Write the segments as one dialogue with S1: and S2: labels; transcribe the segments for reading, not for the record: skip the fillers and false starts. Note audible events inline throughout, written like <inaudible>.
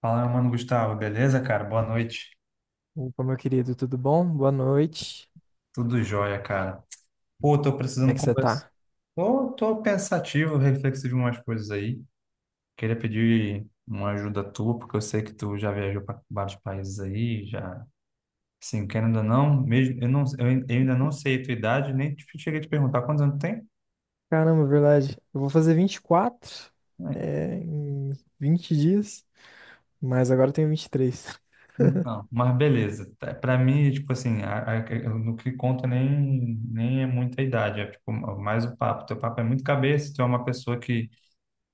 S1: Fala, meu mano Gustavo, beleza, cara? Boa noite.
S2: Opa, meu querido, tudo bom? Boa noite.
S1: Tudo jóia, cara. Pô, tô
S2: Como é
S1: precisando
S2: que você
S1: conversar.
S2: tá?
S1: Tô pensativo, reflexivo em umas coisas aí. Queria pedir uma ajuda tua, porque eu sei que tu já viajou para vários países aí, já. Assim, querendo ou não, mesmo, eu ainda não sei a tua idade, nem te- cheguei a te perguntar quantos anos tu tem.
S2: Caramba, verdade. Eu vou fazer 24,
S1: É,
S2: é, em 20 dias, mas agora eu tenho 23.
S1: então, mas beleza. Tá, pra mim, tipo assim, no que conta nem, nem é muita idade, é tipo, mais o papo. Teu papo é muito cabeça, tu é uma pessoa que...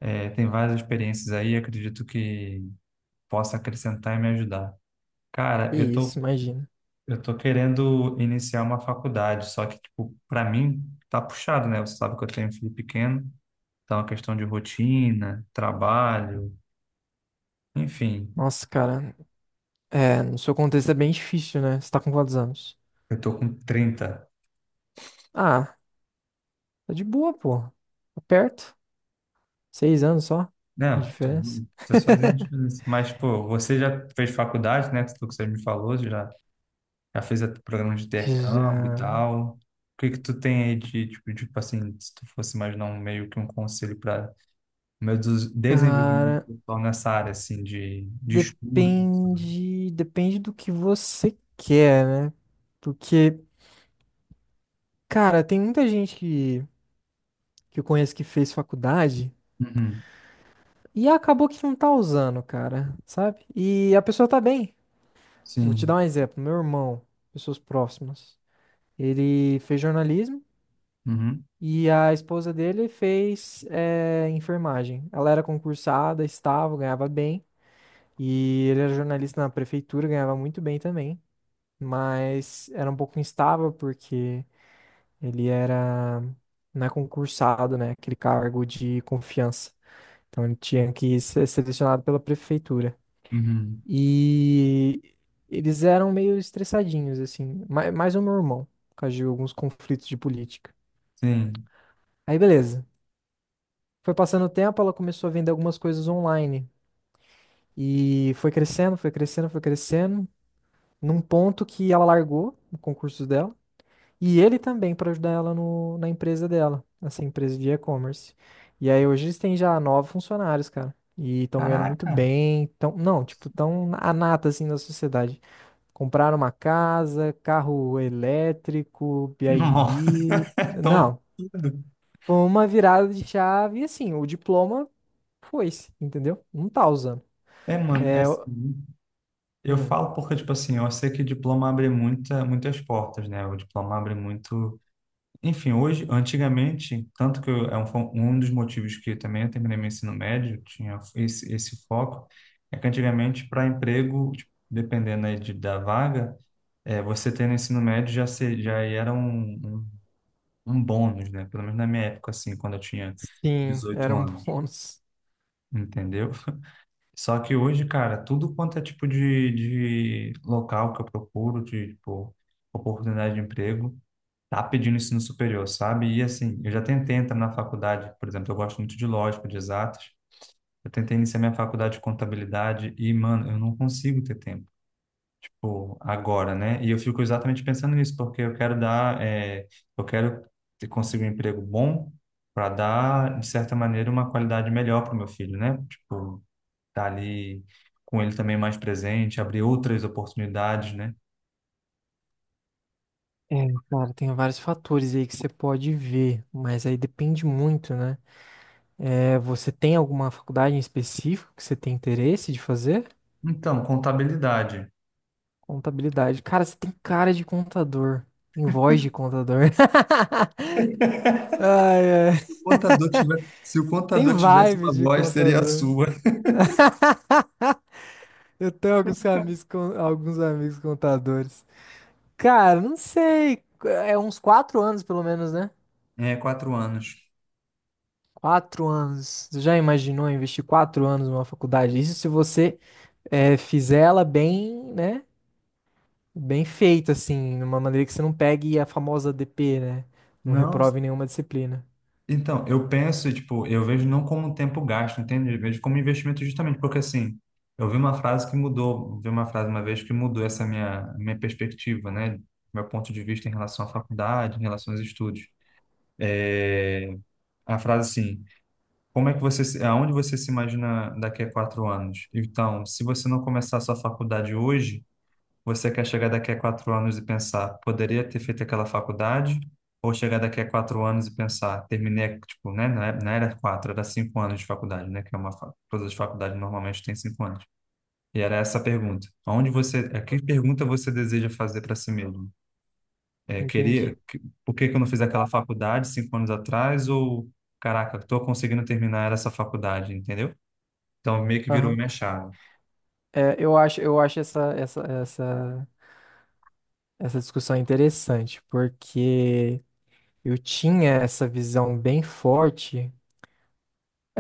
S1: É, tem várias experiências aí, acredito que possa acrescentar e me ajudar. Cara,
S2: Que isso, imagina.
S1: eu tô querendo iniciar uma faculdade, só que, tipo, para mim tá puxado, né? Você sabe que eu tenho um filho pequeno, então a questão de rotina, trabalho, enfim,
S2: Nossa, cara, é, no seu contexto é bem difícil, né? Você tá com quantos anos?
S1: eu tô com 30.
S2: Ah, tá de boa, pô. Tá perto. 6 anos só de
S1: Não,
S2: diferença.
S1: tô sozinho,
S2: <laughs>
S1: mas, pô, você já fez faculdade, né? Tudo que você me falou, você já fez até programa de intercâmbio e
S2: Já.
S1: tal. O que que tu tem aí de, tipo assim, se tu fosse imaginar um meio que um conselho para o meu desenvolvimento
S2: Cara,
S1: pessoal nessa área, assim, de estudo?
S2: depende, depende do que você quer, né? Porque cara, tem muita gente que eu conheço que fez faculdade
S1: Uhum.
S2: e acabou que não tá usando, cara, sabe? E a pessoa tá bem. Vou te dar
S1: Sim.
S2: um exemplo. Meu irmão, pessoas próximas, ele fez jornalismo
S1: Uhum.
S2: e a esposa dele fez enfermagem. Ela era concursada, estava, ganhava bem. E ele era jornalista na prefeitura, ganhava muito bem também. Mas era um pouco instável porque ele era, não é concursado, né? Aquele cargo de confiança. Então ele tinha que ser selecionado pela prefeitura.
S1: Uhum.
S2: E eles eram meio estressadinhos, assim. Mais o meu irmão, por causa de alguns conflitos de política.
S1: Sim.
S2: Aí beleza. Foi passando o tempo, ela começou a vender algumas coisas online. E foi crescendo, foi crescendo, foi crescendo. Num ponto que ela largou o concurso dela. E ele também para ajudar ela no, na empresa dela, essa empresa de e-commerce. E aí hoje eles têm já 9 funcionários, cara. E estão ganhando muito
S1: Caraca!
S2: bem. Tão, não, tipo, estão a nata assim da sociedade. Compraram uma casa, carro elétrico,
S1: Nossa! <laughs>
S2: BYD.
S1: Tão
S2: Não,
S1: tudo.
S2: foi uma virada de chave e assim, o diploma foi-se, entendeu? Não tá usando.
S1: É, mano, é
S2: É,
S1: assim. Eu
S2: hum,
S1: falo porque, tipo assim, eu sei que diploma abre muitas portas, né? O diploma abre muito. Enfim, hoje, antigamente, tanto que eu, é um, fo- um dos motivos que também eu terminei meu ensino médio, tinha esse foco, é que antigamente, para emprego, tipo, dependendo aí da vaga, é, você ter no ensino médio já, se, já era um bônus, né? Pelo menos na minha época, assim, quando eu tinha
S2: sim,
S1: 18
S2: era um <laughs>
S1: anos,
S2: bônus.
S1: entendeu? <laughs> Só que hoje, cara, tudo quanto é tipo de local que eu procuro, de, tipo, oportunidade de emprego, tá pedindo ensino superior, sabe? E assim, eu já tentei entrar na faculdade, por exemplo, eu gosto muito de lógica, de exatas. Eu tentei iniciar minha faculdade de contabilidade e, mano, eu não consigo ter tempo, tipo, agora, né? E eu fico exatamente pensando nisso, porque eu quero dar, eu quero conseguir um emprego bom para dar, de certa maneira, uma qualidade melhor para o meu filho, né? Tipo, tá ali com ele também mais presente, abrir outras oportunidades, né?
S2: É, cara, tem vários fatores aí que você pode ver, mas aí depende muito, né? É, você tem alguma faculdade em específico que você tem interesse de fazer?
S1: Então, contabilidade.
S2: Contabilidade. Cara, você tem cara de contador, tem voz de contador. <laughs> Ai, ai.
S1: contador tiver, Se o
S2: Tem
S1: contador tivesse
S2: vibe
S1: uma
S2: de
S1: voz, seria a
S2: contador.
S1: sua.
S2: Eu tenho alguns amigos, alguns amigos contadores. Cara, não sei, é uns 4 anos pelo menos, né?
S1: É, 4 anos.
S2: 4 anos. Você já imaginou investir 4 anos numa faculdade? Isso se você fizer ela bem, né? Bem feita, assim, de uma maneira que você não pegue a famosa DP, né? Não
S1: Não,
S2: reprove nenhuma disciplina.
S1: então, eu penso, tipo, eu vejo não como um tempo gasto, entende? Eu vejo como investimento justamente, porque assim, eu vi uma frase que mudou, vi uma frase uma vez que mudou essa minha perspectiva, né? Meu ponto de vista em relação à faculdade, em relação aos estudos. É, a frase assim, como é que você, aonde você se imagina daqui a 4 anos? Então, se você não começar a sua faculdade hoje, você quer chegar daqui a 4 anos e pensar, poderia ter feito aquela faculdade? Ou chegar daqui a 4 anos e pensar, terminei, tipo, né? Não era quatro, era 5 anos de faculdade, né? Que é uma, fa- Todas as faculdades normalmente têm 5 anos. E era essa a pergunta. Onde você, que pergunta você deseja fazer para si mesmo? É,
S2: Entendi.
S1: queria, por que que eu não fiz aquela faculdade 5 anos atrás? Ou, caraca, estou conseguindo terminar essa faculdade, entendeu? Então, meio que virou
S2: Aham.
S1: minha chave.
S2: É, eu acho essa discussão interessante, porque eu tinha essa visão bem forte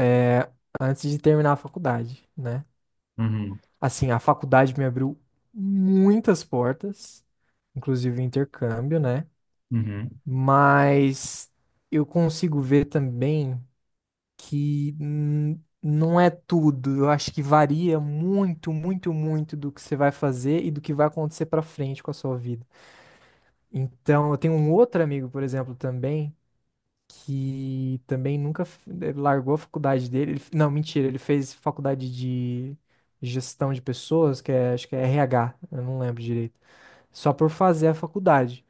S2: é, antes de terminar a faculdade, né?
S1: Uhum,
S2: Assim, a faculdade me abriu muitas portas, inclusive o intercâmbio, né?
S1: uhum,
S2: Mas eu consigo ver também que não é tudo. Eu acho que varia muito, muito, muito do que você vai fazer e do que vai acontecer pra frente com a sua vida. Então, eu tenho um outro amigo, por exemplo, também que também nunca f- eh, largou a faculdade dele. Não, mentira, ele fez faculdade de gestão de pessoas, que é, acho que é RH, eu não lembro direito. Só por fazer a faculdade.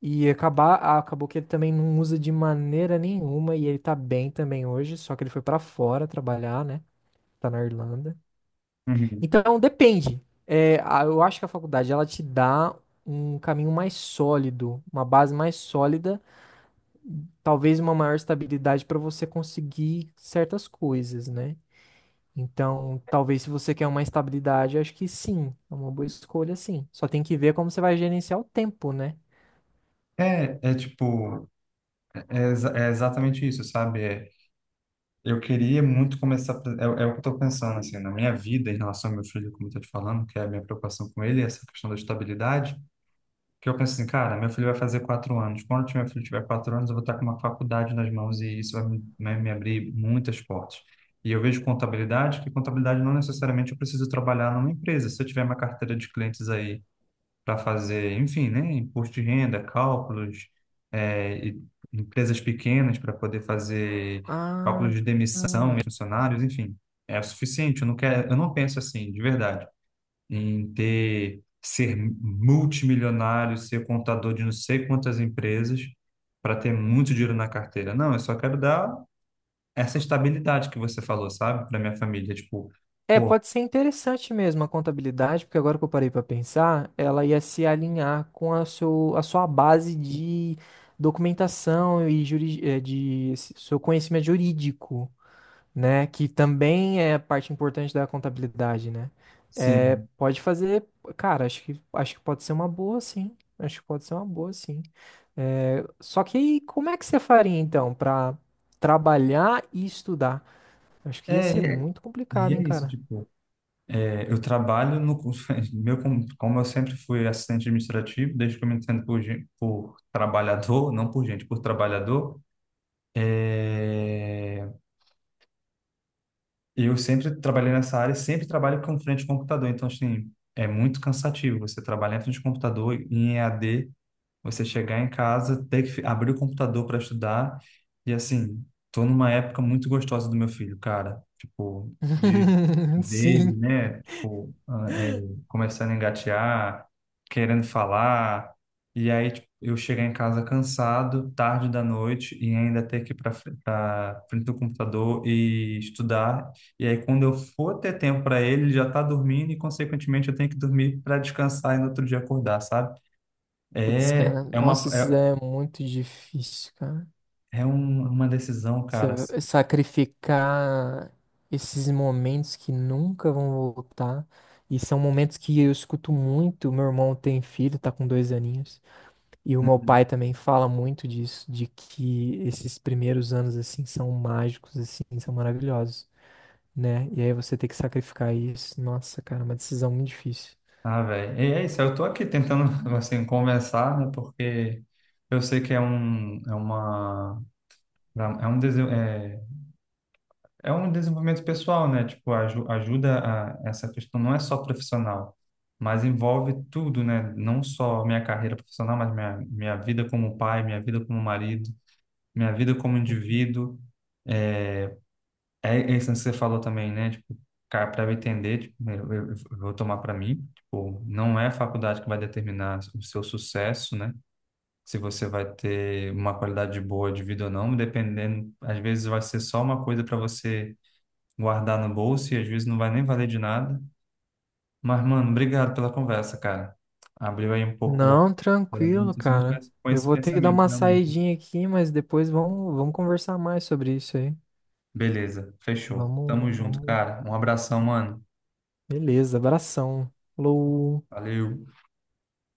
S2: Acabou que ele também não usa de maneira nenhuma e ele tá bem também hoje, só que ele foi pra fora trabalhar, né? Tá na Irlanda.
S1: uhum.
S2: Então, depende. É, eu acho que a faculdade ela te dá um caminho mais sólido, uma base mais sólida talvez uma maior estabilidade para você conseguir certas coisas, né? Então, talvez se você quer uma estabilidade, acho que sim, é uma boa escolha, sim. Só tem que ver como você vai gerenciar o tempo, né?
S1: É, é tipo, é exatamente isso, sabe? É, eu queria muito começar. É o que eu estou pensando, assim, na minha vida em relação ao meu filho, como eu estou te falando, que é a minha preocupação com ele, essa questão da estabilidade. Que eu penso assim, cara, meu filho vai fazer 4 anos. Quando meu filho tiver 4 anos, eu vou estar com uma faculdade nas mãos e isso vai me abrir muitas portas. E eu vejo contabilidade, que contabilidade não necessariamente eu preciso trabalhar numa empresa. Se eu tiver uma carteira de clientes aí para fazer, enfim, né, imposto de renda, cálculos, e empresas pequenas para poder fazer cálculos
S2: Ah,
S1: de demissão e
S2: ah.
S1: funcionários, enfim, é o suficiente. Eu não quero, eu não penso assim, de verdade, ser multimilionário, ser contador de não sei quantas empresas para ter muito dinheiro na carteira. Não, eu só quero dar essa estabilidade que você falou, sabe, para minha família, tipo,
S2: É,
S1: pô,
S2: pode ser interessante mesmo a contabilidade, porque agora que eu parei para pensar, ela ia se alinhar com a sua base de documentação e de seu conhecimento jurídico. Né? Que também é parte importante da contabilidade, né? É,
S1: sim.
S2: pode fazer, cara, acho que pode ser uma boa, sim. Acho que pode ser uma boa, sim. É, só que aí, como é que você faria, então, pra trabalhar e estudar? Acho que ia
S1: É,
S2: ser
S1: e é,
S2: muito
S1: e
S2: complicado,
S1: é
S2: hein,
S1: isso,
S2: cara?
S1: tipo, é, eu trabalho no <laughs> como eu sempre fui assistente administrativo, desde que eu me entendo por, por trabalhador, não por gente, por trabalhador. é, eu sempre trabalhei nessa área, e sempre trabalho com frente de computador, então assim é muito cansativo. Você trabalhar em frente de computador em EAD, você chegar em casa, ter que abrir o computador para estudar. E assim, tô numa época muito gostosa do meu filho, cara. Tipo, de
S2: <laughs>
S1: ver ele,
S2: Sim.
S1: né? Tipo, começando a engatear, querendo falar. E aí, tipo, eu chegar em casa cansado, tarde da noite, e ainda ter que ir para frente do computador e estudar. E aí, quando eu for ter tempo para ele, ele já tá dormindo e, consequentemente, eu tenho que dormir para descansar e no outro dia acordar, sabe?
S2: Putz,
S1: É,
S2: cara,
S1: é
S2: nossa,
S1: uma,
S2: isso
S1: é,
S2: é muito difícil, cara.
S1: é uma decisão,
S2: Você
S1: cara, assim.
S2: sacrificar esses momentos que nunca vão voltar. E são momentos que eu escuto muito. Meu irmão tem filho, tá com 2 aninhos. E o meu
S1: Uhum.
S2: pai também fala muito disso, de que esses primeiros anos, assim, são mágicos, assim, são maravilhosos, né? E aí você tem que sacrificar isso. Nossa, cara, é uma decisão muito difícil.
S1: Ah, velho. E é isso, eu tô aqui tentando, <laughs> assim, conversar, né? Porque eu sei que é um, é uma, é um, dese- é um desenvolvimento pessoal, né? Tipo, ajuda essa questão não é só profissional, mas envolve tudo, né? Não só minha carreira profissional, mas minha vida como pai, minha vida como marido, minha vida como
S2: Uhum.
S1: indivíduo. É, é isso que você falou também, né? Tipo, cara, para eu entender, tipo, eu vou tomar para mim, tipo, não é a faculdade que vai determinar o seu sucesso, né? Se você vai ter uma qualidade boa de vida ou não, dependendo, às vezes vai ser só uma coisa para você guardar no bolso e às vezes não vai nem valer de nada. Mas, mano, obrigado pela conversa, cara. Abriu aí um pouco,
S2: Não,
S1: pelo menos eu
S2: tranquilo,
S1: tô sendo com
S2: cara.
S1: esse
S2: Eu vou ter que dar
S1: pensamento,
S2: uma
S1: realmente.
S2: saidinha aqui, mas depois vamos conversar mais sobre isso aí.
S1: Beleza, fechou. Tamo
S2: Vamos,
S1: junto,
S2: vamos
S1: cara. Um abração, mano.
S2: beleza, abração. Falou.
S1: Valeu.